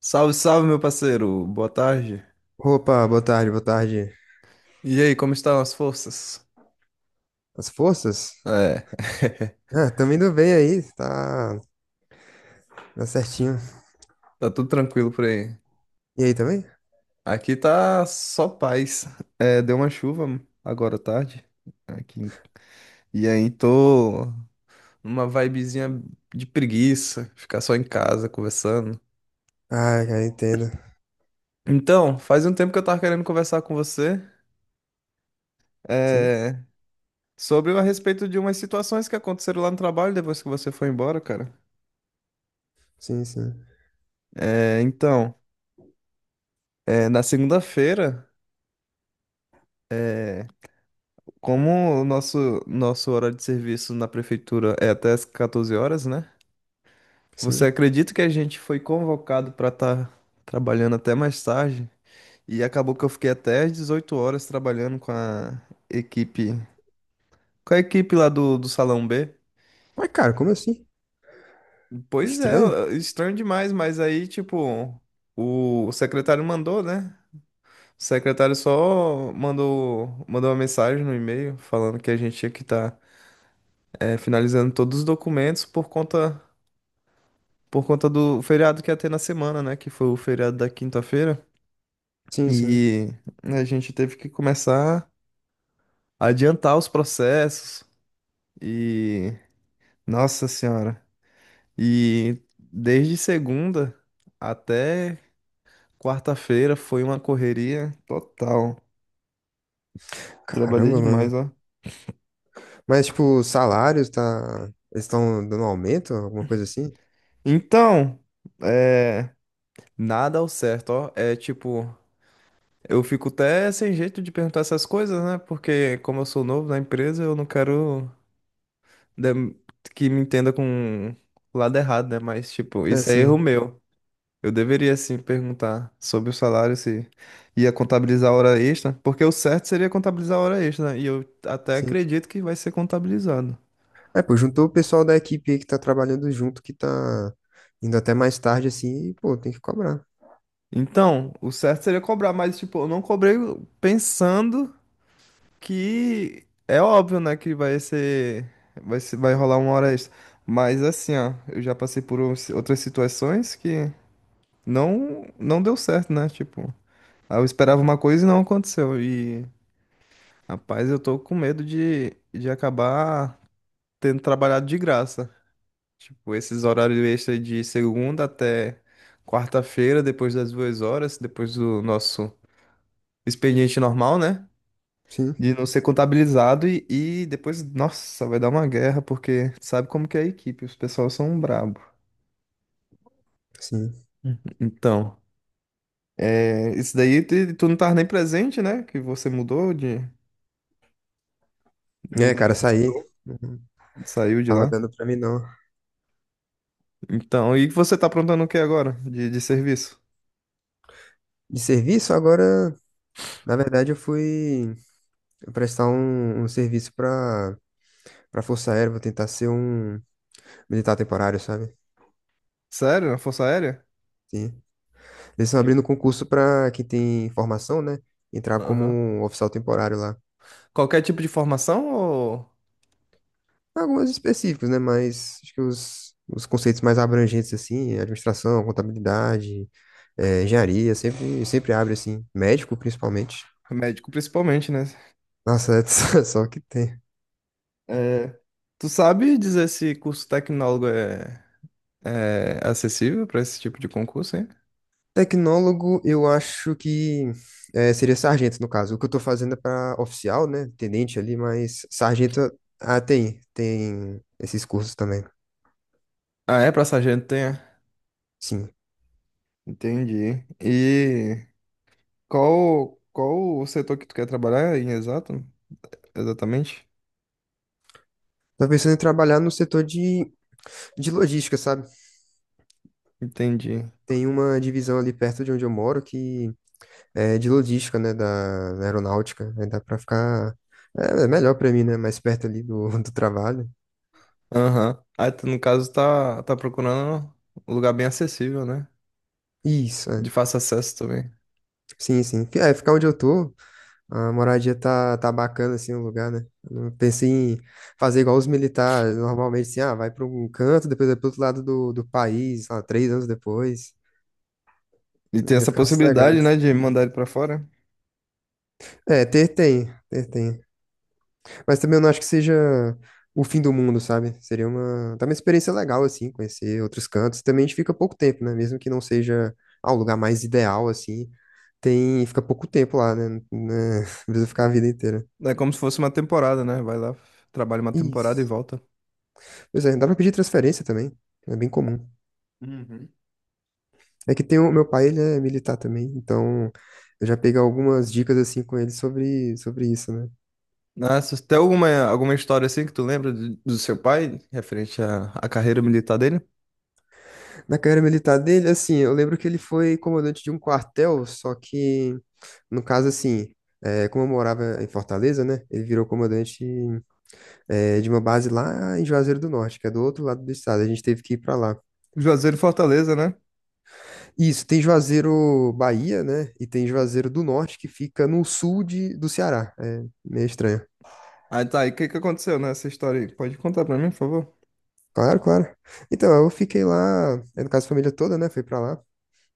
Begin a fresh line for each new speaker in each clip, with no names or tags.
Salve, salve, meu parceiro. Boa tarde.
Opa, boa tarde, boa tarde.
E aí, como estão as forças?
As forças?
É,
Ah, também indo bem aí, tá, tá certinho.
tá tudo tranquilo por aí.
E aí também?
Aqui tá só paz. É, deu uma chuva agora à tarde aqui. E aí tô numa vibezinha de preguiça, ficar só em casa conversando.
Ah, cara, entendo.
Então, faz um tempo que eu tava querendo conversar com você,
Sim,
é, sobre a respeito de umas situações que aconteceram lá no trabalho depois que você foi embora, cara.
sim, sim,
É, então, é, na segunda-feira é, como o nosso horário de serviço na prefeitura é até as 14 horas, né? Você
sim.
acredita que a gente foi convocado para estar trabalhando até mais tarde? E acabou que eu fiquei até às 18 horas trabalhando equipe, com a equipe lá do Salão B.
Mas, cara, como assim?
Pois
Estranho?
é, estranho demais, mas aí, tipo, o secretário mandou, né? O secretário só mandou uma mensagem no e-mail falando que a gente tinha que estar finalizando todos os documentos por conta. Por conta do feriado que ia ter na semana, né? Que foi o feriado da quinta-feira.
Sim, sim.
E a gente teve que começar a adiantar os processos. E. Nossa Senhora! E desde segunda até quarta-feira foi uma correria total. Trabalhei
Caramba, mano.
demais, ó.
Mas, tipo, os salários, tá... Eles estão dando aumento, alguma coisa assim?
Então, é. Nada ao certo, ó. É tipo. Eu fico até sem jeito de perguntar essas coisas, né? Porque como eu sou novo na empresa, eu não quero da- que me entenda com o lado errado, né? Mas, tipo,
É,
isso é erro
sim,
meu. Eu deveria, sim, perguntar sobre o salário, se ia contabilizar a hora extra, porque o certo seria contabilizar a hora extra, né? E eu até
sim.
acredito que vai ser contabilizado.
É, pô, juntou o pessoal da equipe aí que tá trabalhando junto, que tá indo até mais tarde, assim, e, pô, tem que cobrar.
Então, o certo seria cobrar, mas, tipo, eu não cobrei pensando que é óbvio, né, que vai ser, vai rolar uma hora extra. Mas, assim, ó, eu já passei por outras situações que não deu certo, né? Tipo, aí eu esperava uma coisa e não aconteceu. E, rapaz, eu tô com medo de acabar tendo trabalhado de graça. Tipo, esses horários extras de segunda até quarta-feira, depois das duas horas, depois do nosso expediente normal, né?
Sim,
De não ser contabilizado e depois, nossa, vai dar uma guerra, porque sabe como que é a equipe, os pessoal são brabo.
sim.
Então, é, isso daí tu não tava nem presente, né? Que você
É,
mudou de
cara, saí.
setor,
Não
saiu de
tava
lá.
dando pra mim, não.
Então, e você tá aprontando o que agora de serviço?
De serviço, agora, na verdade, eu fui prestar um serviço pra Força Aérea, vou tentar ser um militar temporário, sabe?
Sério? Na Força Aérea?
Sim. Eles estão
Que-
abrindo concurso pra quem tem formação, né? Entrar como
Aham.
um oficial temporário lá.
Qualquer tipo de formação ou
Algumas específicos, né? Mas acho que os conceitos mais abrangentes, assim, administração, contabilidade, engenharia, sempre, sempre abre, assim. Médico, principalmente.
médico principalmente, né?
Nossa, é só que tem.
É, tu sabe dizer se curso tecnólogo é acessível para esse tipo de concurso, hein?
Tecnólogo, eu acho que seria sargento, no caso. O que eu tô fazendo é para oficial, né? Tenente ali, mas sargento, ah, tem esses cursos também,
Ah, é? Para sargento tem? É?
sim.
Entendi. E qual o setor que tu quer trabalhar em exato? Exatamente?
Tô pensando em trabalhar no setor de logística, sabe?
Entendi.
Tem uma divisão ali perto de onde eu moro que é, de logística, né, da, da aeronáutica. Aí dá pra ficar. É, é melhor pra mim, né? Mais perto ali do, do trabalho.
Aham. Aí tu, no caso, tá procurando um lugar bem acessível, né?
Isso,
De
é.
fácil acesso também.
Sim, sim. É, ficar onde eu tô, a moradia tá bacana, assim, o lugar, né? Eu não pensei em fazer igual os militares, normalmente, assim, ah, vai pra um canto, depois vai pro outro lado do, do país, sei lá, 3 anos depois.
E
Eu
tem
queria
essa
ficar sossegado.
possibilidade, né, de mandar ele pra fora.
É, ter tem, ter tem. Mas também eu não acho que seja o fim do mundo, sabe? Seria uma, tá uma experiência legal, assim, conhecer outros cantos. Também a gente fica pouco tempo, né? Mesmo que não seja ah, o lugar mais ideal, assim, tem, fica pouco tempo lá, né? Não é- Precisa ficar a vida inteira.
É como se fosse uma temporada, né? Vai lá, trabalha uma temporada e
Isso.
volta.
Pois é, dá pra pedir transferência também. É bem comum.
Uhum.
É que tem o meu pai, ele é militar também, então eu já peguei algumas dicas assim com ele sobre, sobre isso, né?
Nossa, tem alguma história assim que tu lembra do seu pai, referente à, à carreira militar dele?
Na carreira militar dele, assim, eu lembro que ele foi comandante de um quartel, só que no caso, assim, é, como eu morava em Fortaleza, né? Ele virou comandante, é, de uma base lá em Juazeiro do Norte, que é do outro lado do estado. A gente teve que ir pra lá.
Juazeiro e Fortaleza, né?
Isso, tem Juazeiro, Bahia, né? E tem Juazeiro do Norte, que fica no sul de, do Ceará. É meio estranho.
Aí tá, e o que que aconteceu nessa história aí? Pode contar pra mim, por favor?
Claro, claro. Então, eu fiquei lá, é, no caso, a família toda, né? Foi pra lá.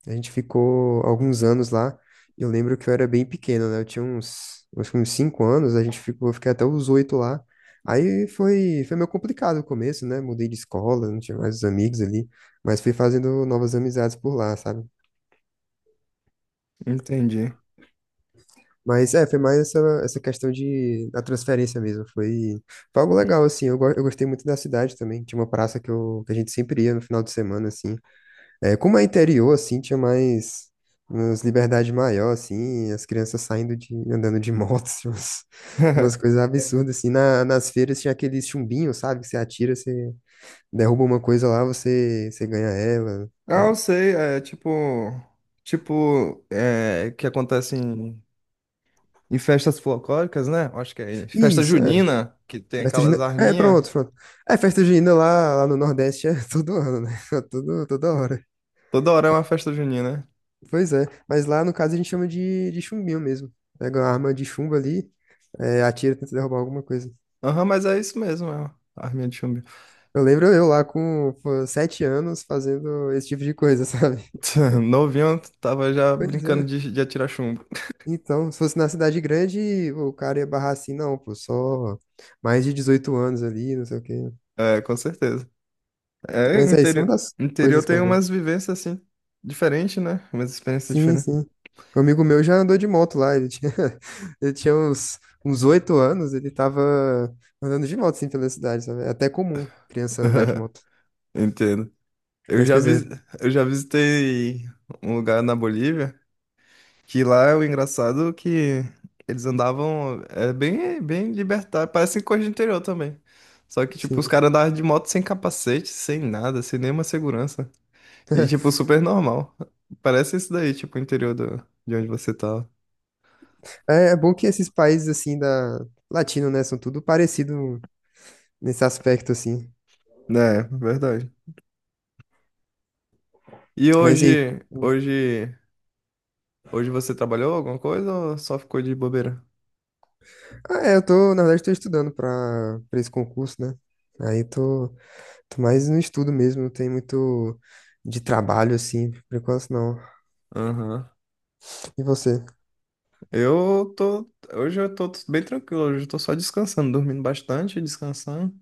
A gente ficou alguns anos lá. Eu lembro que eu era bem pequeno, né? Eu tinha uns, acho que uns 5 anos, a gente ficou, eu fiquei até os 8 lá. Aí foi, foi meio complicado o começo, né? Mudei de escola, não tinha mais os amigos ali, mas fui fazendo novas amizades por lá, sabe?
Entendi.
Mas é, foi mais essa, essa questão de, da transferência mesmo. Foi algo legal, assim. Eu gostei muito da cidade também. Tinha uma praça que, eu, que a gente sempre ia no final de semana, assim. É, como é interior, assim, tinha mais umas liberdade maior, assim, as crianças saindo de, andando de motos, umas, umas coisas absurdas, assim, na, nas feiras tinha aqueles chumbinhos, sabe, que você atira, você derruba uma coisa lá, você ganha ela,
Ah, eu
é.
sei, é tipo. Tipo, é, que acontece em festas folclóricas, né? Acho que é em festa
Isso, é,
junina, que tem
festa
aquelas
junina, é,
arminhas.
pronto, pronto, é, festa junina lá, lá no Nordeste é todo ano, né, É todo, toda hora,
Toda hora é uma festa junina, né?
pois é, mas lá, no caso, a gente chama de chumbinho mesmo, pega uma arma de chumbo ali, é, atira, tenta derrubar alguma coisa.
Aham, mas é isso mesmo, é uma arminha de chumbo.
Eu lembro eu lá com pô, 7 anos fazendo esse tipo de coisa, sabe?
Novinho tava já
Pois
brincando
é.
de atirar chumbo.
Então, se fosse na cidade grande, o cara ia barrar assim, não, pô, só mais de 18 anos ali, não sei o quê.
É, com certeza. É,
Mas é isso, é uma das
interior
coisas que
tem
eu lembro.
umas vivências assim, diferentes, né? Umas experiências
Sim,
diferentes.
sim. Um amigo meu já andou de moto lá, ele tinha uns, uns 8 anos, ele tava andando de moto, assim, pela cidade, sabe? É até comum criança andar de moto.
Entendo. Eu
Mas,
já,
pois é,
vis, eu já visitei um lugar na Bolívia que lá é o engraçado é que eles andavam é bem libertário, parece coisa de interior também. Só que, tipo, os
sim.
caras andavam de moto sem capacete, sem nada, sem nenhuma segurança. E, tipo, super normal. Parece isso daí, tipo, o interior do, de onde você tá.
É, é bom que esses países, assim, da... Latino, né? São tudo parecido nesse aspecto, assim.
É, verdade. E
Mas e aí?
hoje,
tu-
hoje, hoje você trabalhou alguma coisa ou só ficou de bobeira?
Ah, é, eu tô, na verdade, tô estudando pra, pra esse concurso, né? Aí tô mais no estudo mesmo, não tem muito de trabalho, assim, por enquanto não.
Aham.
E você?
Eu tô, hoje eu tô bem tranquilo, hoje eu tô só descansando, dormindo bastante, descansando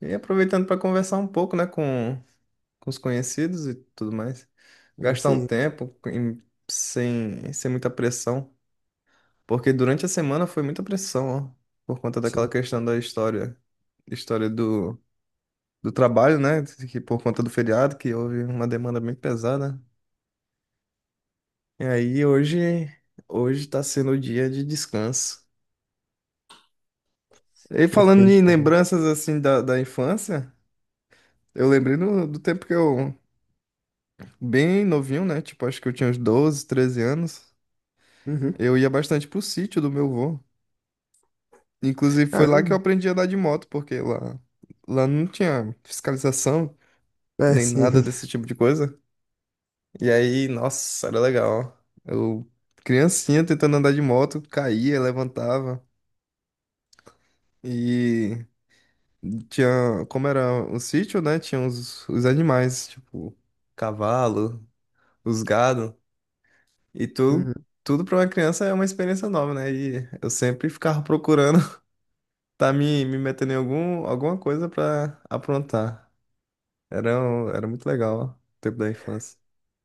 e aproveitando pra conversar um pouco, né, com os conhecidos e tudo mais. Gastar
Isso
um
aí,
tempo em- sem muita pressão. Porque durante a semana foi muita pressão, ó, por conta daquela
sim,
questão da história, história do trabalho, né? Que por conta do feriado, que houve uma demanda bem pesada. E aí hoje tá sendo o dia de descanso. E falando em
perfeito.
lembranças assim da infância, eu lembrei do tempo que eu, bem novinho, né? Tipo, acho que eu tinha uns 12, 13 anos.
Uhum.
Eu ia bastante pro sítio do meu avô. Inclusive foi lá que eu
Caramba.
aprendi a andar de moto, porque lá não tinha fiscalização,
É,
nem
sim.
nada desse tipo de coisa. E aí, nossa, era legal. Eu, criancinha, tentando andar de moto, caía, levantava. E tinha, como era o sítio, né? Tinha os animais, tipo, cavalo, os gado. E tu,
Uhum.
tudo pra uma criança é uma experiência nova, né? E eu sempre ficava procurando tá me metendo em alguma coisa pra aprontar. Era muito legal, ó, o tempo da infância.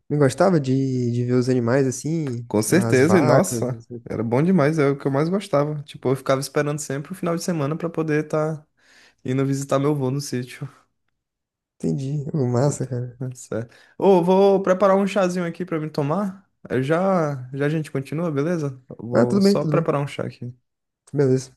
Eu gostava de ver os animais assim,
Com
as
certeza, e
vacas,
nossa,
assim.
era bom demais, é o que eu mais gostava. Tipo, eu ficava esperando sempre o final de semana pra poder estar indo visitar meu avô no sítio.
Entendi. Ô, massa, cara.
Certo. Ô, vou preparar um chazinho aqui pra me tomar. Eu já, já a gente continua, beleza? Eu
Ah,
vou
tudo bem,
só
tudo bem.
preparar um chá aqui.
Beleza.